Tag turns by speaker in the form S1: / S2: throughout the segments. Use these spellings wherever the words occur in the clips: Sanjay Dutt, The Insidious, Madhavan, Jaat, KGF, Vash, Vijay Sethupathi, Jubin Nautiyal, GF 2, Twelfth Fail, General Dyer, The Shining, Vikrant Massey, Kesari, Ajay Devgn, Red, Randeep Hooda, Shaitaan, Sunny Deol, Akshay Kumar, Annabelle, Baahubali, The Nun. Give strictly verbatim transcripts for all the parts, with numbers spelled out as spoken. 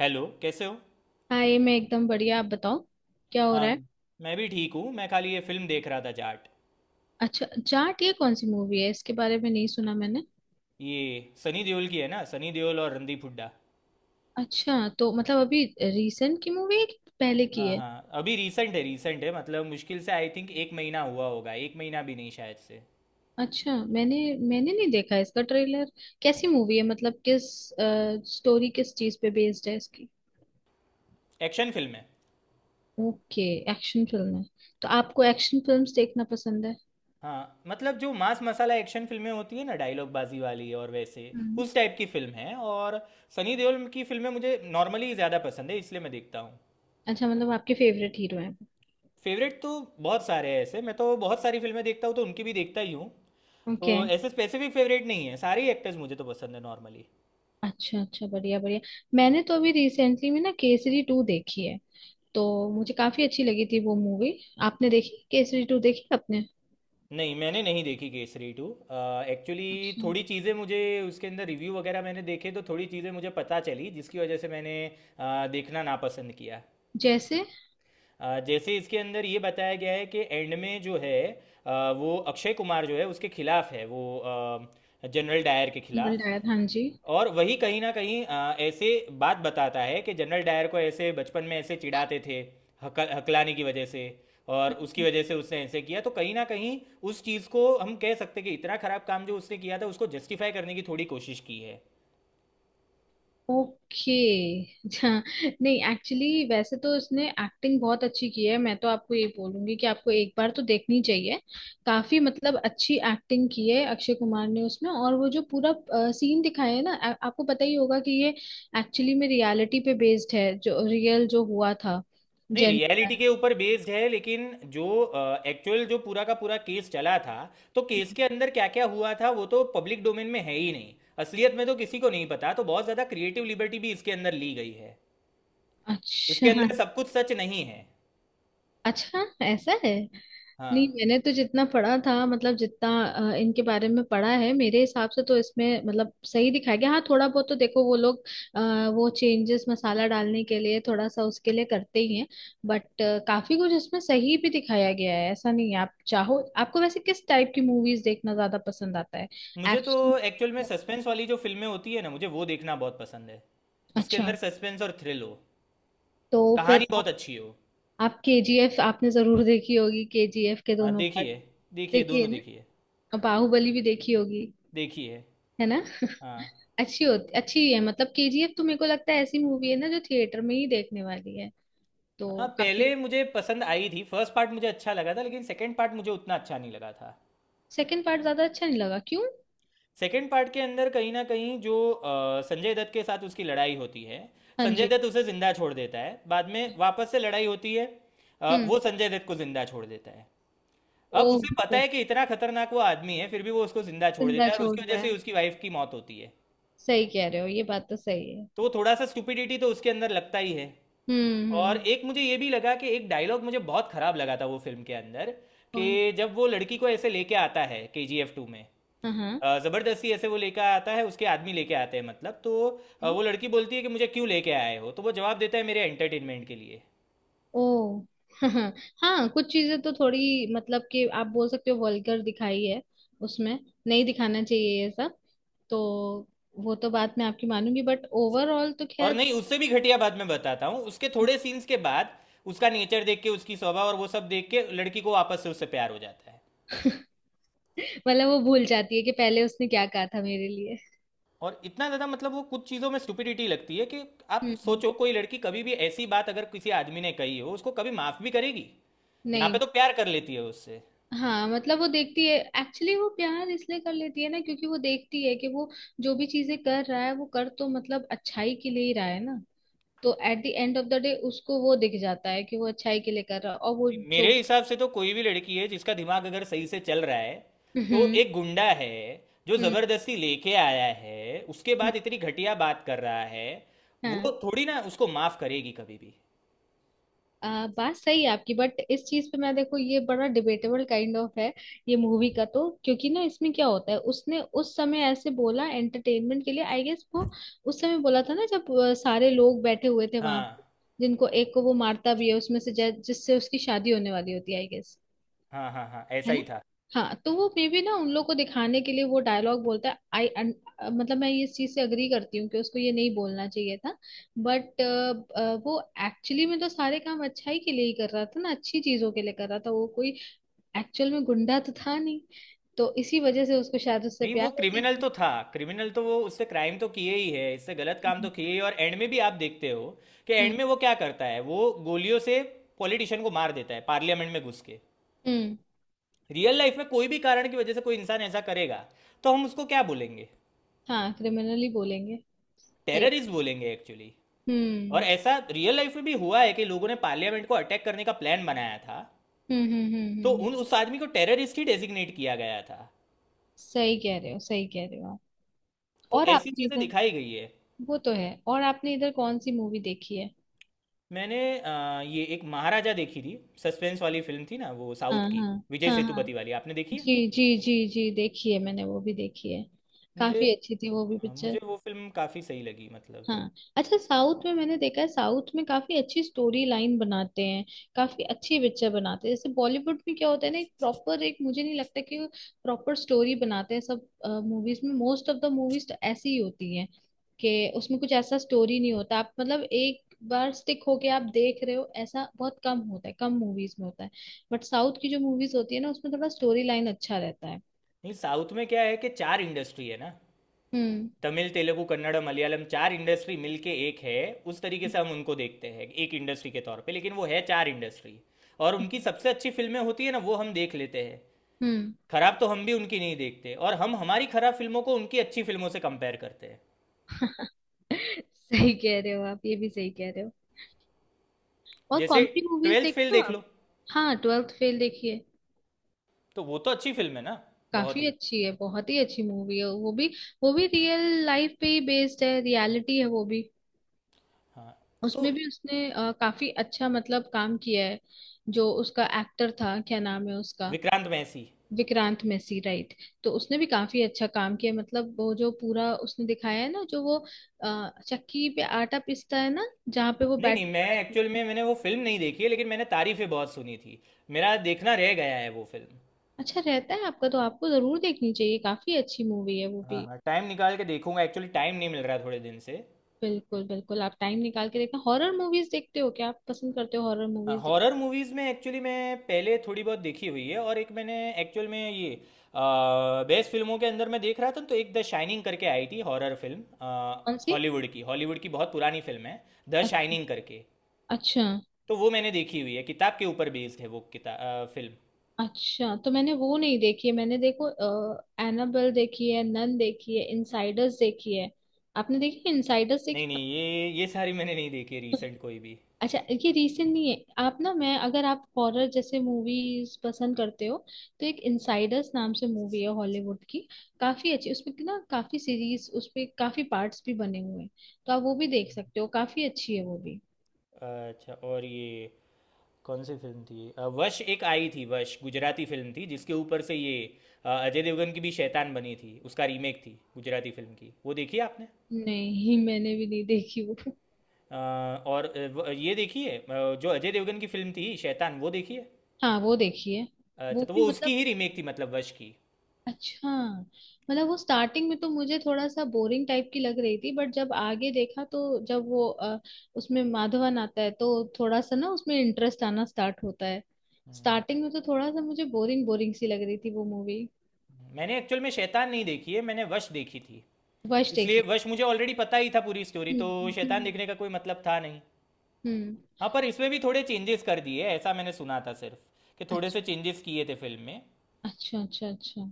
S1: Hello, कैसे हो?
S2: हाँ, ये मैं एकदम बढ़िया। आप बताओ क्या हो
S1: हाँ,
S2: रहा है।
S1: मैं भी ठीक हूँ। मैं खाली ये फिल्म देख रहा था, जाट।
S2: अच्छा, जाट ये कौन सी मूवी है? इसके बारे में नहीं सुना मैंने।
S1: ये सनी देओल की है ना, सनी देओल और रणदीप हुड्डा।
S2: अच्छा, तो मतलब अभी रिसेंट की मूवी है कि पहले की
S1: हाँ
S2: है?
S1: हाँ, अभी रिसेंट है, रिसेंट है मतलब मुश्किल से आई थिंक एक महीना हुआ होगा, एक महीना भी नहीं शायद से।
S2: अच्छा, मैंने मैंने नहीं देखा इसका ट्रेलर। कैसी मूवी है? मतलब किस स्टोरी, किस चीज पे बेस्ड है इसकी?
S1: एक्शन फिल्म है।
S2: ओके, एक्शन फिल्म है। तो आपको एक्शन फिल्म्स देखना पसंद है?
S1: हाँ, मतलब जो मास मसाला एक्शन फिल्में होती है ना, डायलॉग बाजी वाली, और वैसे
S2: हम्म।
S1: उस टाइप की फिल्म है। और सनी देओल की फिल्में मुझे नॉर्मली ज़्यादा पसंद है, इसलिए मैं देखता हूँ।
S2: अच्छा, मतलब आपके फेवरेट हीरो हैं?
S1: फेवरेट तो बहुत सारे हैं ऐसे। मैं तो बहुत सारी फिल्में देखता हूँ, तो उनकी भी देखता ही हूँ।
S2: ओके।
S1: तो ऐसे स्पेसिफिक फेवरेट नहीं है, सारे एक्टर्स मुझे तो पसंद है नॉर्मली।
S2: अच्छा अच्छा, बढ़िया बढ़िया। मैंने तो अभी रिसेंटली में ना केसरी टू देखी है, तो मुझे काफी अच्छी लगी थी वो मूवी। आपने देखी? केसरी टू देखी आपने?
S1: नहीं, मैंने नहीं देखी केसरी टू। एक्चुअली
S2: अच्छा।
S1: थोड़ी चीज़ें मुझे उसके अंदर, रिव्यू वगैरह मैंने देखे, तो थोड़ी चीज़ें मुझे पता चली जिसकी वजह से मैंने अ, देखना नापसंद किया।
S2: जैसे?
S1: अ, जैसे इसके अंदर ये बताया गया है कि एंड में जो है, अ, वो अक्षय कुमार जो है, उसके खिलाफ है वो, जनरल डायर के खिलाफ।
S2: डायर, हाँ जी।
S1: और वही कहीं ना कहीं आ, ऐसे बात बताता है कि जनरल डायर को ऐसे बचपन में ऐसे चिढ़ाते थे, हक, हकलाने की वजह से, और उसकी वजह से उसने ऐसे किया। तो कहीं ना कहीं उस चीज़ को हम कह सकते कि इतना खराब काम जो उसने किया था, उसको जस्टिफाई करने की थोड़ी कोशिश की है।
S2: ओके। अच्छा। नहीं, एक्चुअली वैसे तो इसने एक्टिंग बहुत अच्छी की है। मैं तो आपको ये बोलूंगी कि आपको एक बार तो देखनी चाहिए। काफी मतलब अच्छी एक्टिंग की है अक्षय कुमार ने उसमें, और वो जो पूरा सीन दिखाया है ना, आ, आपको पता ही होगा कि ये एक्चुअली में रियलिटी पे बेस्ड है, जो रियल जो हुआ था।
S1: नहीं,
S2: जन।
S1: रियलिटी के ऊपर बेस्ड है लेकिन जो एक्चुअल uh, जो पूरा का पूरा केस चला था, तो केस के अंदर क्या क्या हुआ था वो तो पब्लिक डोमेन में है ही नहीं। असलियत में तो किसी को नहीं पता, तो बहुत ज़्यादा क्रिएटिव लिबर्टी भी इसके अंदर ली गई है। इसके
S2: अच्छा।
S1: अंदर सब कुछ सच नहीं है।
S2: अच्छा, ऐसा है? नहीं,
S1: हाँ,
S2: मैंने तो जितना पढ़ा था, मतलब जितना अ, इनके बारे में पढ़ा है, मेरे हिसाब से तो इसमें मतलब सही दिखाया गया। हाँ, थोड़ा बहुत तो देखो, वो लोग अ, वो चेंजेस मसाला डालने के लिए थोड़ा सा उसके लिए करते ही हैं। बट काफी कुछ इसमें सही भी दिखाया गया है, ऐसा नहीं है। आप चाहो, आपको वैसे किस टाइप की मूवीज देखना ज्यादा पसंद आता है?
S1: मुझे तो
S2: एक्शन?
S1: एक्चुअल में सस्पेंस वाली जो फ़िल्में होती है ना, मुझे वो देखना बहुत पसंद है। जिसके
S2: अच्छा,
S1: अंदर सस्पेंस और थ्रिल हो।
S2: तो
S1: कहानी
S2: फिर
S1: बहुत
S2: आप,
S1: अच्छी हो।
S2: आप केजीएफ आपने जरूर देखी होगी, केजीएफ के
S1: हाँ,
S2: दोनों
S1: देखी
S2: पार्ट।
S1: है। देखी है,
S2: देखी है
S1: दोनों
S2: ना?
S1: देखी है।
S2: और बाहुबली भी देखी होगी।
S1: देखी है,
S2: है ना?
S1: हाँ।
S2: अच्छी होती, अच्छी है मतलब। केजीएफ तो मेरे को लगता है ऐसी मूवी है ना जो थिएटर में ही देखने वाली है,
S1: हाँ,
S2: तो। काफी
S1: पहले मुझे पसंद आई थी, फर्स्ट पार्ट मुझे अच्छा लगा था, लेकिन सेकंड पार्ट मुझे उतना अच्छा नहीं लगा था।
S2: सेकंड पार्ट ज्यादा अच्छा नहीं लगा? क्यों?
S1: सेकंड पार्ट के अंदर कहीं न कहीं जो अ, संजय दत्त के साथ उसकी लड़ाई होती है,
S2: हाँ
S1: संजय
S2: जी।
S1: दत्त उसे ज़िंदा छोड़ देता है, बाद में वापस से लड़ाई होती है, अ,
S2: हम्म।
S1: वो संजय दत्त को ज़िंदा छोड़ देता है। अब
S2: ओह
S1: उसे पता
S2: ओह,
S1: है कि इतना खतरनाक वो आदमी है, फिर भी वो उसको जिंदा छोड़
S2: जिंदा
S1: देता है और
S2: छोड़
S1: उसकी वजह
S2: रहा
S1: से ही
S2: है।
S1: उसकी वाइफ की मौत होती है।
S2: सही कह रहे हो, ये बात तो सही है।
S1: तो थोड़ा सा स्टुपिडिटी तो उसके अंदर लगता ही है।
S2: हम्म,
S1: और
S2: हम्म।
S1: एक मुझे ये भी लगा कि एक डायलॉग मुझे बहुत खराब लगा था वो फिल्म के अंदर।
S2: कौन?
S1: कि जब वो लड़की को ऐसे लेके आता है के जी एफ टू में,
S2: हाँ, हाँ।
S1: अ, जबरदस्ती ऐसे वो लेके आता है, उसके आदमी लेके आते हैं मतलब। तो अ,
S2: हम्म,
S1: वो लड़की बोलती है कि मुझे क्यों लेके आए हो, तो वो जवाब देता है मेरे एंटरटेनमेंट के लिए।
S2: ओ। हाँ। हाँ, कुछ चीजें तो थोड़ी मतलब कि आप बोल सकते हो वल्गर दिखाई है उसमें। नहीं दिखाना चाहिए ये सब, तो वो तो बात मैं आपकी मानूंगी, बट ओवरऑल तो
S1: और
S2: खैर।
S1: नहीं, उससे भी घटिया बाद में बताता हूँ, उसके थोड़े सीन्स के बाद उसका नेचर देख के, उसकी स्वभाव और वो सब देख के लड़की को वापस से उससे प्यार हो जाता है।
S2: मतलब वो भूल जाती है कि पहले उसने क्या कहा था मेरे लिए?
S1: और इतना ज़्यादा मतलब वो कुछ चीज़ों में स्टुपिडिटी लगती है कि आप
S2: हम्म।
S1: सोचो, कोई लड़की कभी भी ऐसी बात अगर किसी आदमी ने कही हो, उसको कभी माफ़ भी करेगी? यहाँ पे
S2: नहीं।
S1: तो प्यार कर लेती है उससे।
S2: हाँ, मतलब वो देखती है एक्चुअली। वो प्यार इसलिए कर लेती है ना, क्योंकि वो देखती है कि वो जो भी चीजें कर रहा है, वो कर तो मतलब अच्छाई के लिए ही रहा है ना। तो at the end of the day उसको वो दिख जाता है कि वो अच्छाई के लिए कर रहा है और वो
S1: नहीं,
S2: जो
S1: मेरे
S2: भी।
S1: हिसाब से तो कोई भी लड़की है जिसका दिमाग अगर सही से चल रहा है, तो
S2: हम्म,
S1: एक गुंडा है जो
S2: हम्म,
S1: ज़बरदस्ती लेके आया है, उसके
S2: हम्म,
S1: बाद इतनी घटिया बात कर रहा है, वो
S2: हाँ।
S1: थोड़ी ना उसको माफ़ करेगी कभी भी।
S2: आ, बात सही है आपकी, बट इस चीज पे मैं देखो, ये बड़ा डिबेटेबल काइंड ऑफ है ये मूवी का तो। क्योंकि ना इसमें क्या होता है, उसने उस समय ऐसे बोला एंटरटेनमेंट के लिए आई गेस। वो उस समय बोला था ना जब अ, सारे लोग बैठे हुए थे वहां।
S1: हाँ,
S2: जिनको एक को वो मारता भी है उसमें से, जै- जिससे उसकी शादी होने वाली होती है आई गेस।
S1: हाँ, हाँ, हाँ, ऐसा
S2: है
S1: ही
S2: ना?
S1: था।
S2: हाँ, तो वो मे बी ना उन लोग को दिखाने के लिए वो डायलॉग बोलता है। आई मतलब मैं इस चीज से अग्री करती हूँ कि उसको ये नहीं बोलना चाहिए था, बट वो एक्चुअली में तो सारे काम अच्छाई के लिए ही कर रहा था ना, अच्छी चीजों के लिए कर रहा था। वो कोई एक्चुअल में गुंडा तो था नहीं, तो इसी वजह से उसको शायद उससे
S1: नहीं, वो
S2: प्यार हो
S1: क्रिमिनल
S2: गया।
S1: तो था, क्रिमिनल तो वो, उससे क्राइम तो किए ही है, इससे गलत काम
S2: हम्म,
S1: तो किए ही। और एंड में भी आप देखते हो कि
S2: हम्म,
S1: एंड में वो क्या करता है, वो गोलियों से पॉलिटिशियन को मार देता है पार्लियामेंट में घुस के।
S2: हम्म,
S1: रियल लाइफ में कोई भी कारण की वजह से कोई इंसान ऐसा करेगा, तो हम उसको क्या बोलेंगे?
S2: हाँ। क्रिमिनली बोलेंगे। सही।
S1: टेररिस्ट बोलेंगे एक्चुअली। और
S2: हम्म,
S1: ऐसा रियल लाइफ में भी हुआ है कि लोगों ने पार्लियामेंट को अटैक करने का प्लान बनाया था,
S2: हम्म, हम्म, हम्म,
S1: तो
S2: हम्म, हम्म,
S1: उन उस आदमी को टेररिस्ट ही डेजिग्नेट किया गया था।
S2: सही कह रहे हो, सही कह रहे हो आप।
S1: तो
S2: और
S1: ऐसी
S2: आपने
S1: चीजें
S2: इधर,
S1: दिखाई गई है।
S2: वो तो है। और आपने इधर कौन सी मूवी देखी है?
S1: मैंने अ, ये एक महाराजा देखी थी, सस्पेंस वाली फिल्म थी ना, वो
S2: हाँ,
S1: साउथ की,
S2: हाँ।
S1: विजय
S2: हाँ, हाँ
S1: सेतुपति वाली, आपने देखी है?
S2: जी जी जी जी, देखी है मैंने, वो भी देखी है।
S1: मुझे
S2: काफी अच्छी थी वो भी
S1: अ, मुझे
S2: पिक्चर।
S1: वो फिल्म काफ़ी सही लगी मतलब।
S2: हाँ। अच्छा, साउथ में मैंने देखा है, साउथ में काफी अच्छी स्टोरी लाइन बनाते हैं, काफी अच्छे पिक्चर बनाते हैं। जैसे बॉलीवुड में क्या होता है ना, एक प्रॉपर, एक मुझे नहीं लगता कि वो प्रॉपर स्टोरी बनाते हैं सब मूवीज में। मोस्ट ऑफ द मूवीज तो ऐसी ही होती हैं, कि उसमें कुछ ऐसा स्टोरी नहीं होता। आप मतलब एक बार स्टिक होके आप देख रहे हो, ऐसा बहुत कम होता है, कम मूवीज में होता है। बट साउथ की जो मूवीज होती है ना, उसमें थोड़ा स्टोरी लाइन अच्छा रहता है।
S1: नहीं, साउथ में क्या है कि चार इंडस्ट्री है ना,
S2: हम्म,
S1: तमिल, तेलुगु, कन्नड़, मलयालम, चार इंडस्ट्री मिलके एक है। उस तरीके से हम उनको देखते हैं एक इंडस्ट्री के तौर पे, लेकिन वो है चार इंडस्ट्री। और उनकी सबसे अच्छी फिल्में होती है ना, वो हम देख लेते हैं।
S2: हम्म।
S1: खराब तो हम भी उनकी नहीं देखते, और हम हमारी खराब फिल्मों को उनकी अच्छी फिल्मों से कंपेयर करते हैं।
S2: सही कह रहे हो आप, ये भी सही कह रहे हो। और
S1: जैसे
S2: कॉमेडी मूवीज
S1: ट्वेल्थ फेल
S2: देखते हो
S1: देख
S2: आप?
S1: लो,
S2: हाँ, ट्वेल्थ फेल देखिए।
S1: तो वो तो अच्छी फिल्म है ना, बहुत
S2: काफी
S1: ही।
S2: अच्छी है, बहुत ही अच्छी मूवी है वो भी। वो भी रियल लाइफ पे ही बेस्ड है, रियलिटी है वो भी।
S1: हाँ, तो
S2: उसमें भी उसने अ, काफी अच्छा मतलब काम किया है। जो उसका एक्टर था, क्या नाम है उसका?
S1: विक्रांत मैसी।
S2: विक्रांत मैसी, राइट। तो उसने भी काफी अच्छा काम किया मतलब। वो जो पूरा उसने दिखाया है ना, जो वो अ, चक्की पे आटा पीसता है ना जहाँ पे वो
S1: नहीं
S2: बैठ
S1: नहीं,
S2: के
S1: मैं
S2: पढ़ाई
S1: एक्चुअल
S2: करता है।
S1: में, मैंने वो फिल्म नहीं देखी है लेकिन मैंने तारीफें बहुत सुनी थी। मेरा देखना रह गया है वो फिल्म।
S2: अच्छा, रहता है आपका तो आपको जरूर देखनी चाहिए, काफी अच्छी मूवी है वो
S1: हाँ
S2: भी।
S1: हाँ, टाइम निकाल के देखूंगा। एक्चुअली टाइम नहीं मिल रहा है थोड़े दिन से।
S2: बिल्कुल बिल्कुल, आप टाइम निकाल के देखना। हॉरर मूवीज देखते हो क्या आप? पसंद करते हो हॉरर
S1: हाँ,
S2: मूवीज?
S1: हॉरर मूवीज़ में एक्चुअली मैं पहले थोड़ी बहुत देखी हुई है। और एक मैंने एक्चुअल में ये बेस्ट फिल्मों के अंदर मैं देख रहा था, तो एक द शाइनिंग करके आई थी हॉरर फिल्म,
S2: कौन सी?
S1: हॉलीवुड की। हॉलीवुड की बहुत पुरानी फिल्म है, द
S2: अच्छ-
S1: शाइनिंग करके।
S2: अच्छा।
S1: तो वो मैंने देखी हुई है, किताब के ऊपर बेस्ड है वो किताब फिल्म।
S2: अच्छा, तो मैंने वो नहीं देखी है। मैंने देखो, एनाबेल देखी है, नन देखी है, इनसाइडर्स देखी है। आपने देखी है? इनसाइडर्स
S1: नहीं
S2: देखी है?
S1: नहीं, ये ये सारी मैंने नहीं देखी है रिसेंट, कोई भी।
S2: अच्छा, ये रीसेंट नहीं है। आप ना, मैं अगर, आप हॉरर जैसे मूवीज पसंद करते हो, तो एक इनसाइडर्स नाम से मूवी है हॉलीवुड की, काफी अच्छी उसमें की ना, काफी सीरीज उसपे, काफी पार्ट्स भी बने हुए हैं, तो आप वो भी देख सकते हो, काफी अच्छी है वो भी।
S1: अच्छा, और ये कौन सी फिल्म थी, अ, वश एक आई थी, वश गुजराती फिल्म थी जिसके ऊपर से ये अ, अजय देवगन की भी शैतान बनी थी, उसका रीमेक थी गुजराती फिल्म की, वो देखी है आपने?
S2: नहीं, मैंने भी नहीं देखी वो।
S1: अ, और अ, व- ये देखी है अ, जो अजय देवगन की फिल्म थी शैतान, वो देखी है?
S2: हाँ, वो देखी है। वो
S1: अच्छा, तो
S2: भी
S1: वो उसकी
S2: मतलब,
S1: ही रीमेक थी मतलब, वश की।
S2: अच्छा मतलब, वो स्टार्टिंग में तो मुझे थोड़ा सा बोरिंग टाइप की लग रही थी, बट जब आगे देखा, तो जब वो अ, उसमें माधवन आता है, तो थोड़ा सा ना उसमें इंटरेस्ट आना स्टार्ट होता है। स्टार्टिंग में तो थोड़ा सा मुझे बोरिंग बोरिंग सी लग रही थी वो मूवी।
S1: मैंने एक्चुअल में शैतान नहीं देखी है, मैंने वश देखी थी,
S2: वश
S1: इसलिए
S2: देखी?
S1: वश मुझे ऑलरेडी पता ही था पूरी स्टोरी। तो
S2: हम्म,
S1: शैतान
S2: हम्म,
S1: देखने का कोई मतलब था नहीं।
S2: हम्म।
S1: हाँ, पर इसमें भी थोड़े चेंजेस कर दिए ऐसा मैंने सुना था, सिर्फ कि थोड़े
S2: अच्छा,
S1: से चेंजेस किए थे फिल्म में।
S2: अच्छा, अच्छा। अच्छा,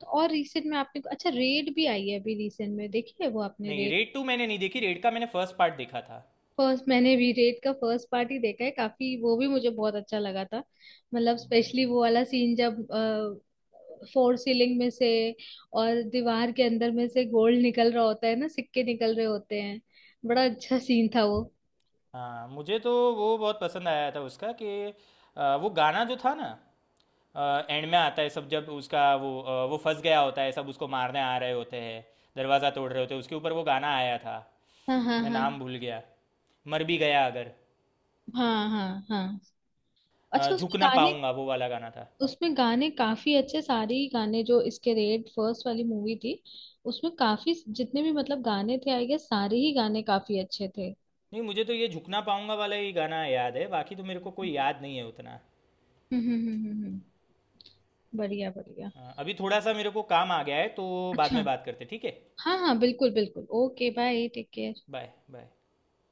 S2: तो और रिसेंट में आपने, अच्छा रेड भी आई है अभी रिसेंट में, देखी है वो आपने
S1: नहीं,
S2: रेड?
S1: रेड टू मैंने नहीं देखी, रेड का मैंने फर्स्ट पार्ट देखा था।
S2: फर्स्ट। मैंने भी रेड का फर्स्ट पार्ट ही देखा है, काफी वो भी मुझे बहुत अच्छा लगा था। मतलब स्पेशली वो वाला सीन जब फोर सीलिंग में से और दीवार के अंदर में से गोल्ड निकल रहा होता है ना, सिक्के निकल रहे होते हैं, बड़ा अच्छा सीन था वो।
S1: हाँ, मुझे तो वो बहुत पसंद आया था उसका, कि आ, वो गाना जो था ना, एंड में आता है सब, जब उसका वो आ, वो फंस गया होता है, सब उसको मारने आ रहे होते हैं, दरवाज़ा तोड़ रहे होते हैं, उसके ऊपर वो गाना आया था।
S2: हाँ, हाँ,
S1: मैं
S2: हाँ।
S1: नाम भूल गया। मर भी गया अगर,
S2: हाँ, हाँ, हाँ।
S1: आ,
S2: अच्छा, उसमें
S1: झुक ना
S2: गाने
S1: पाऊंगा, वो वाला गाना था।
S2: उसमें गाने काफी अच्छे, सारे ही गाने। जो इसके रेड फर्स्ट वाली मूवी थी, उसमें काफी जितने भी मतलब गाने थे आई गेस, सारे ही गाने काफी अच्छे थे।
S1: नहीं, मुझे तो ये झुकना पाऊंगा वाला ही गाना याद है, बाकी तो मेरे को कोई
S2: हम्म,
S1: याद नहीं है उतना।
S2: हम्म, हम्म, हम्म, हम्म। बढ़िया, बढ़िया।
S1: हाँ, अभी थोड़ा सा मेरे को काम आ गया है, तो बाद
S2: अच्छा,
S1: में बात करते, ठीक है?
S2: हाँ हाँ, बिल्कुल बिल्कुल, okay. Bye, take care.
S1: Bye bye.